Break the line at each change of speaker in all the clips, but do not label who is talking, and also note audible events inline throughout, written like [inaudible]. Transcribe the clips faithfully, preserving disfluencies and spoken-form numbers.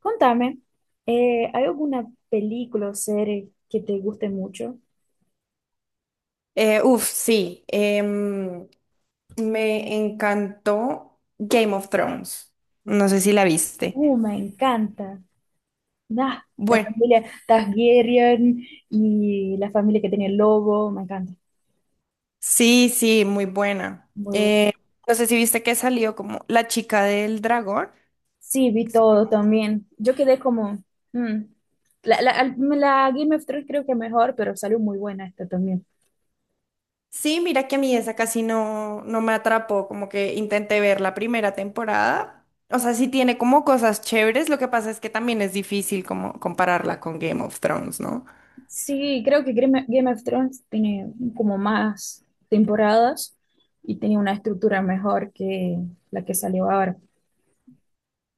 Contame, eh, ¿hay alguna película o serie que te guste mucho?
Eh, uf, sí. Em, me encantó Game of Thrones. No sé si la viste.
Uh, me encanta. Nah, la
Bueno,
familia Targaryen y la familia que tenía el lobo, me encanta.
sí, sí, muy buena.
Muy bu-
No sé si viste que salió como La chica del dragón.
Sí, vi
Es como-
todo también. Yo quedé como... mm. La, la- al- la Game of Thrones creo que mejor, pero salió muy buena esta también.
sí, mira que a mí esa casi no, no me atrapó, como que intenté ver la primera temporada. O sea, sí tiene como cosas chéveres, lo que pasa es que también es difícil como compararla con Game of Thrones, ¿no?
Sí, creo que Game Game of Thrones tiene como más temporadas y tiene una estructura mejor que la que salió ahora.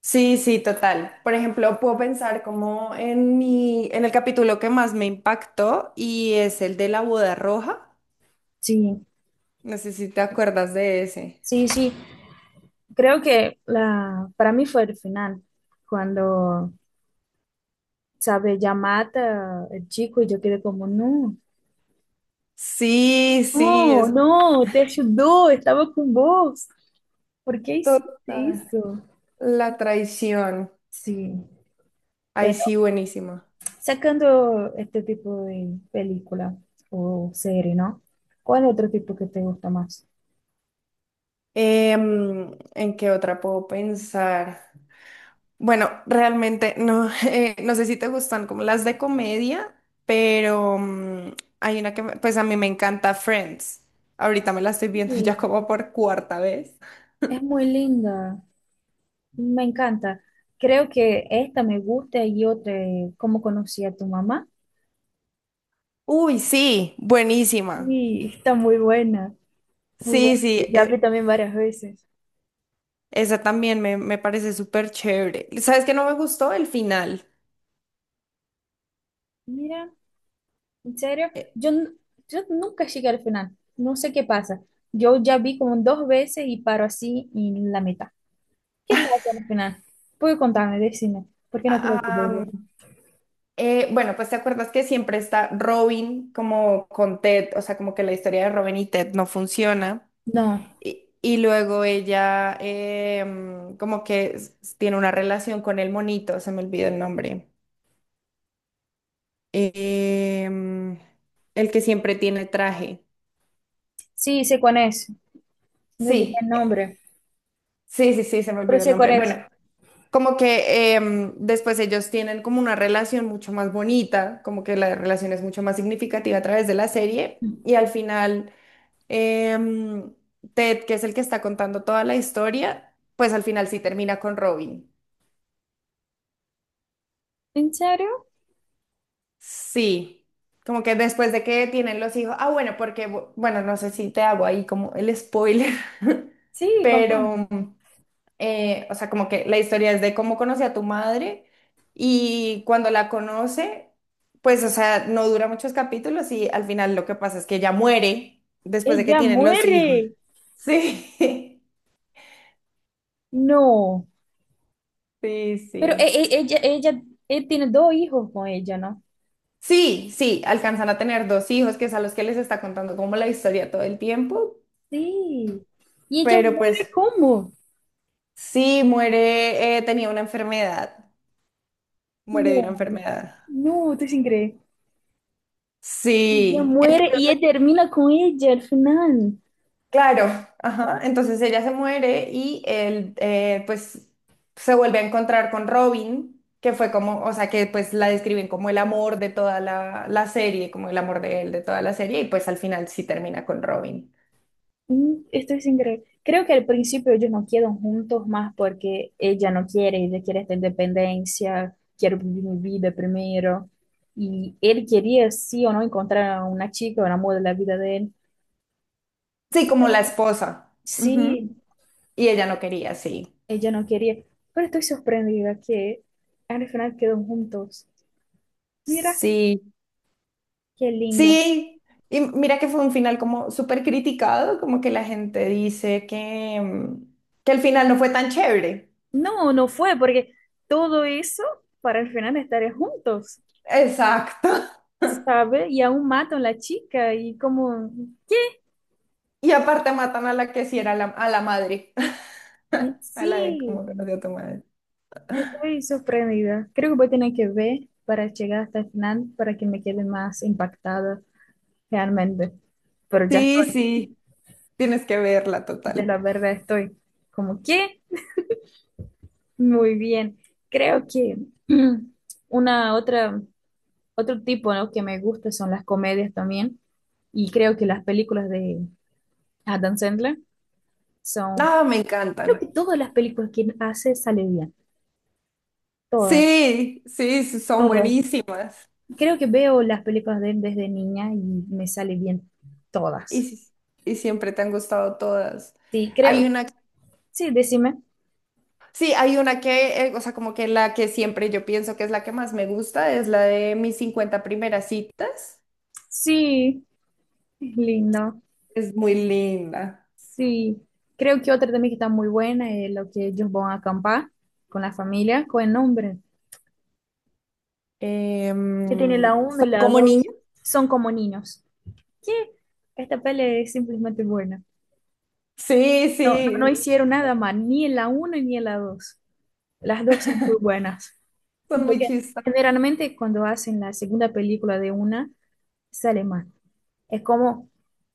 Sí, sí, total. Por ejemplo, puedo pensar como en mi, en el capítulo que más me impactó y es el de la boda roja.
Sí.
No sé si te acuerdas de ese.
Sí, sí, creo que la, para mí fue el final, cuando, sabe, ya mata el chico y yo quedé como, no,
Sí, sí,
no,
es
no, te ayudó, estaba con vos, ¿por qué hiciste
total.
eso?
La traición.
Sí,
Ay,
pero
sí, buenísimo.
sacando este tipo de película o serie, ¿no? ¿Cuál otro tipo que te gusta más?
Em, ¿en qué otra puedo pensar? Bueno, realmente no, [laughs] eh, no sé si te gustan como las de comedia, pero mm, hay una que, me- pues a mí me encanta Friends. Ahorita me la estoy viendo [laughs] ya
Sí.
como por cuarta vez.
Es muy linda, me encanta. Creo que esta me gusta y otra, eh, ¿Cómo conocí a tu mamá?
Uy, sí, buenísima.
Sí, está muy buena, muy
Sí,
buena.
sí,
Ya vi
e-
también varias veces.
esa también me, me parece súper chévere. ¿Sabes qué no me gustó? El final.
Mira, en serio,
Eh,
yo, n- yo nunca llegué al final, no sé qué pasa. Yo ya vi como dos veces y paro así en la mitad. ¿Qué pasa al final? Puedes contarme, decime, por qué no creo que lo
ah,
haya.
eh, bueno, pues te acuerdas que siempre está Robin como con Ted, o sea, como que la historia de Robin y Ted no funciona.
No,
Y, y luego ella em, como que s- tiene una relación con el monito, se me olvidó el nombre. Em, el que siempre tiene traje.
sí, sé cuál es, me olvidé el
Sí, eh,
nombre,
sí, sí, sí, se me
pero
olvidó el
sé cuál
nombre.
es.
Bueno, como que em, después ellos tienen como una relación mucho más bonita, como que la relación es mucho más significativa a través de la serie. Y al final, em, Ted, que es el que está contando toda la historia, pues al final sí termina con Robin.
¿En serio?
Sí, como que después de que tienen los hijos, ah, bueno, porque, bu- bueno, no sé si te hago ahí como el spoiler, [laughs]
Sí, contame.
pero, eh, o sea, como que la historia es de cómo conocí a tu madre y cuando la conoce, pues, o sea, no dura muchos capítulos y al final lo que pasa es que ella muere después de que
Ella
tienen los hijos.
muere.
Sí, [laughs]
No.
sí,
Pero e-
sí.
e- ella, ella, él tiene dos hijos con ella, ¿no?
Sí, sí, alcanzan a tener dos hijos, que es a los que les está contando como la historia todo el tiempo,
Sí. Y ella
pero
muere,
pues...
¿cómo?
Sí, muere, eh, tenía una enfermedad, muere de una
No.
enfermedad.
No, estoy sin creer. Ella
Sí, en-
muere y él termina con ella al final.
claro, ajá. Entonces ella se muere y él eh, pues se vuelve a encontrar con Robin, que fue como, o sea, que pues la describen como el amor de toda la, la serie, como el amor de él de toda la serie, y pues al final sí termina con Robin.
Mm, estoy sin creer. Creo que al principio ellos no quedan juntos más porque ella no quiere, ella quiere esta independencia, quiero vivir mi vida primero. Y él quería, sí o no, encontrar a una chica, un amor de la vida de él.
Sí, como la esposa. Ujú.
Sí,
Y ella no quería, sí.
ella no quería, pero estoy sorprendida que al final quedó juntos. Mira,
Sí,
qué lindo.
sí. Y mira que fue un final como súper criticado, como que la gente dice que, mm, que el final no fue tan chévere.
No, no fue, porque todo eso para al final estar juntos,
Exacto. [laughs]
¿sabe? Y aún matan a la chica y como, ¿qué?
Y aparte matan a la que sí era la, a la madre,
Y
[laughs] a la de cómo
sí,
conocí a tu madre.
estoy sorprendida. Creo que voy a tener que ver para llegar hasta el final para que me quede más impactada realmente. Pero ya
Sí,
estoy,
sí, tienes que verla
de
total.
la verdad estoy como, ¿qué? Muy bien. Creo que [clears throat] una otra otro tipo, ¿no?, que me gusta son las comedias también, y creo que las películas de Adam Sandler son,
Ah, me
creo
encantan.
que todas las películas que hace sale bien, todas,
Sí, sí, sí, son
todas.
buenísimas.
Creo que veo las películas de él desde niña y me sale bien
Y,
todas.
sí- y siempre te han gustado todas.
Sí,
Hay
creo,
una
sí, decime.
sí, hay una que, eh, o sea, como que la que siempre yo pienso que es la que más me gusta, es la de mis cincuenta primeras citas.
Sí, es lindo.
Es muy linda.
Sí. Creo que otra también que está muy buena es lo que ellos van a acampar con la familia, con el nombre,
Em,
que tiene la uno y
son
la
como
dos,
niños.
son como niños. Que esta peli es simplemente buena.
Sí,
No, no,
sí,
no hicieron nada mal, ni en la uno ni en la dos. Las dos son muy buenas.
son muy
Porque
chistas.
generalmente cuando hacen la segunda película de una, sale mal. Es como,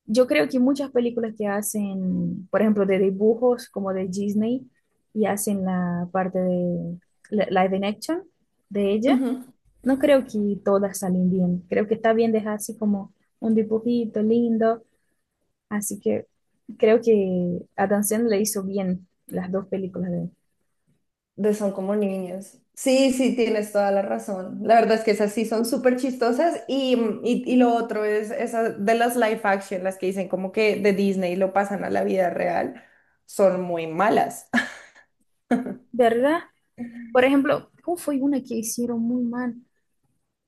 yo creo que muchas películas que hacen, por ejemplo, de dibujos como de Disney, y hacen la parte de la- live in action de ella,
Ujú,
no creo que todas salen bien. Creo que está bien dejar así como un dibujito lindo. Así que creo que Adam Sandler hizo bien las dos películas de él.
de son como niños. Sí, sí, tienes toda la razón. La verdad es que esas sí son súper chistosas y, mm, y, y lo otro es esas de las live action, las que dicen como que de Disney lo pasan a la vida real, son muy malas.
¿Verdad? Por ejemplo, ¿cómo fue una que hicieron muy mal?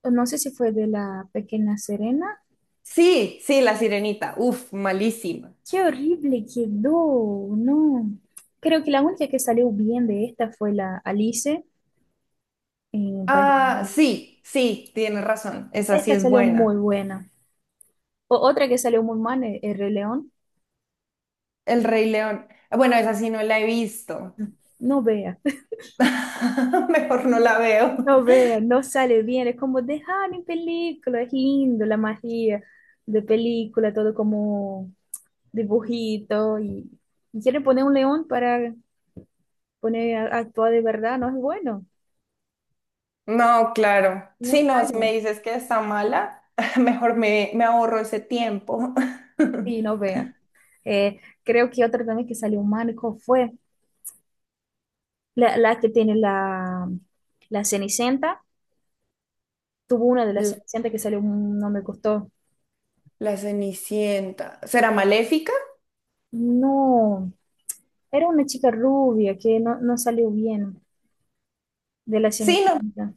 No sé si fue de la Pequeña Serena.
Sí, sí, La Sirenita. Uf, malísima.
Qué horrible quedó, no. Creo que la única que salió bien de esta fue la Alice en País de
Ah,
Maravillas.
sí, sí, tienes razón. Esa sí
Esta
es
salió muy
buena.
buena. O- otra que salió muy mal, el, el Rey León.
El Rey León. Bueno, esa sí no la he visto.
No, no vea.
[laughs] Mejor no la veo.
No vean, no sale bien, es como dejar en película, es lindo la magia de película, todo como dibujito, y, y quieren poner un león para poner a, actuar de verdad, no es bueno,
No, claro.
no
Sí, no, si me
sale.
dices que está mala, [laughs] mejor me, me ahorro ese tiempo. [laughs]
Y no vea. Eh, creo que otra también que salió mal, ¿cuál fue la, la que tiene la, la Cenicienta, tuvo una de las
L-
Cenicienta que salió, mm, no me gustó.
La Cenicienta. ¿Será maléfica?
No, era una chica rubia que no, no salió bien de la
Sí, no.
Cenicienta.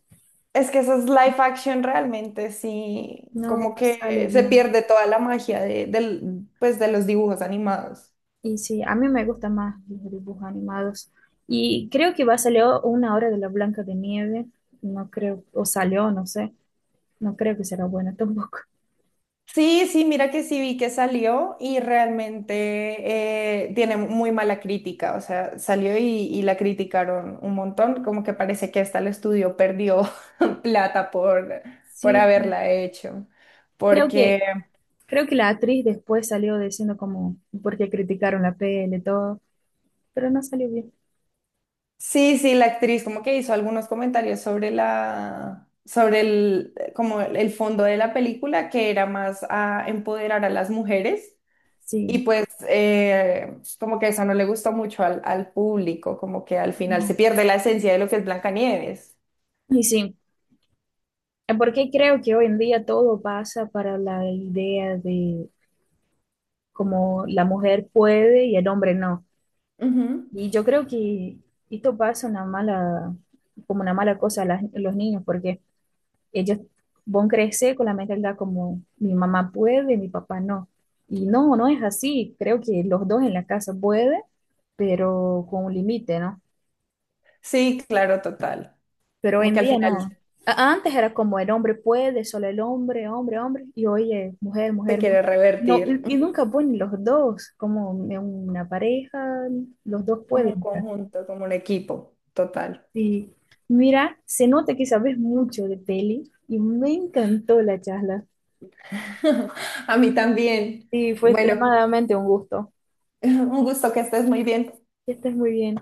Es que esas live action realmente sí,
No,
como
no sale
que se
bien.
pierde toda la magia de, del, pues, de los dibujos animados.
Y sí, a mí me gustan más los dibujos animados. Y creo que va a salir una hora de la Blanca de Nieve. No creo, o salió, no sé. No creo que será buena tampoco. [laughs]
Sí, sí, mira que sí vi que salió y realmente eh, tiene muy mala crítica, o sea, salió y, y la criticaron un montón, como que parece que hasta el estudio perdió [laughs] plata por, por
Sí,
haberla hecho,
creo que,
porque
creo que la actriz después salió diciendo como porque criticaron la peli y todo, pero no salió bien.
sí, sí, la actriz como que hizo algunos comentarios sobre la, sobre el, como el fondo de la película, que era más a empoderar a las mujeres.
Sí,
Y pues eh, pues, como que eso no le gustó mucho al, al público, como que al final
no.
se pierde la esencia de lo que es Blancanieves.
Y sí, porque creo que hoy en día todo pasa para la idea de como la mujer puede y el hombre no.
Ujú.
Y yo creo que esto pasa una mala, como una mala cosa a las- a los niños, porque ellos van a crecer con la mentalidad como mi mamá puede, mi papá no. Y no, no es así. Creo que los dos en la casa pueden, pero con un límite, ¿no?
Sí, claro, total.
Pero hoy
Como
en
que al
día
final
no. A- Antes era como el hombre puede, solo el hombre, hombre, hombre, y hoy es mujer,
se
mujer, mujer.
quiere
No,
revertir
y y
ujú,
nunca ponen los dos como en una pareja, los dos
como un
pueden, ¿no?
conjunto, como un equipo, total.
Sí. Mira, se nota que sabes mucho de peli y me encantó la charla.
[laughs] A mí también.
Sí, fue
Bueno,
extremadamente un gusto.
[laughs] un gusto que estés muy bien.
Que estés muy bien.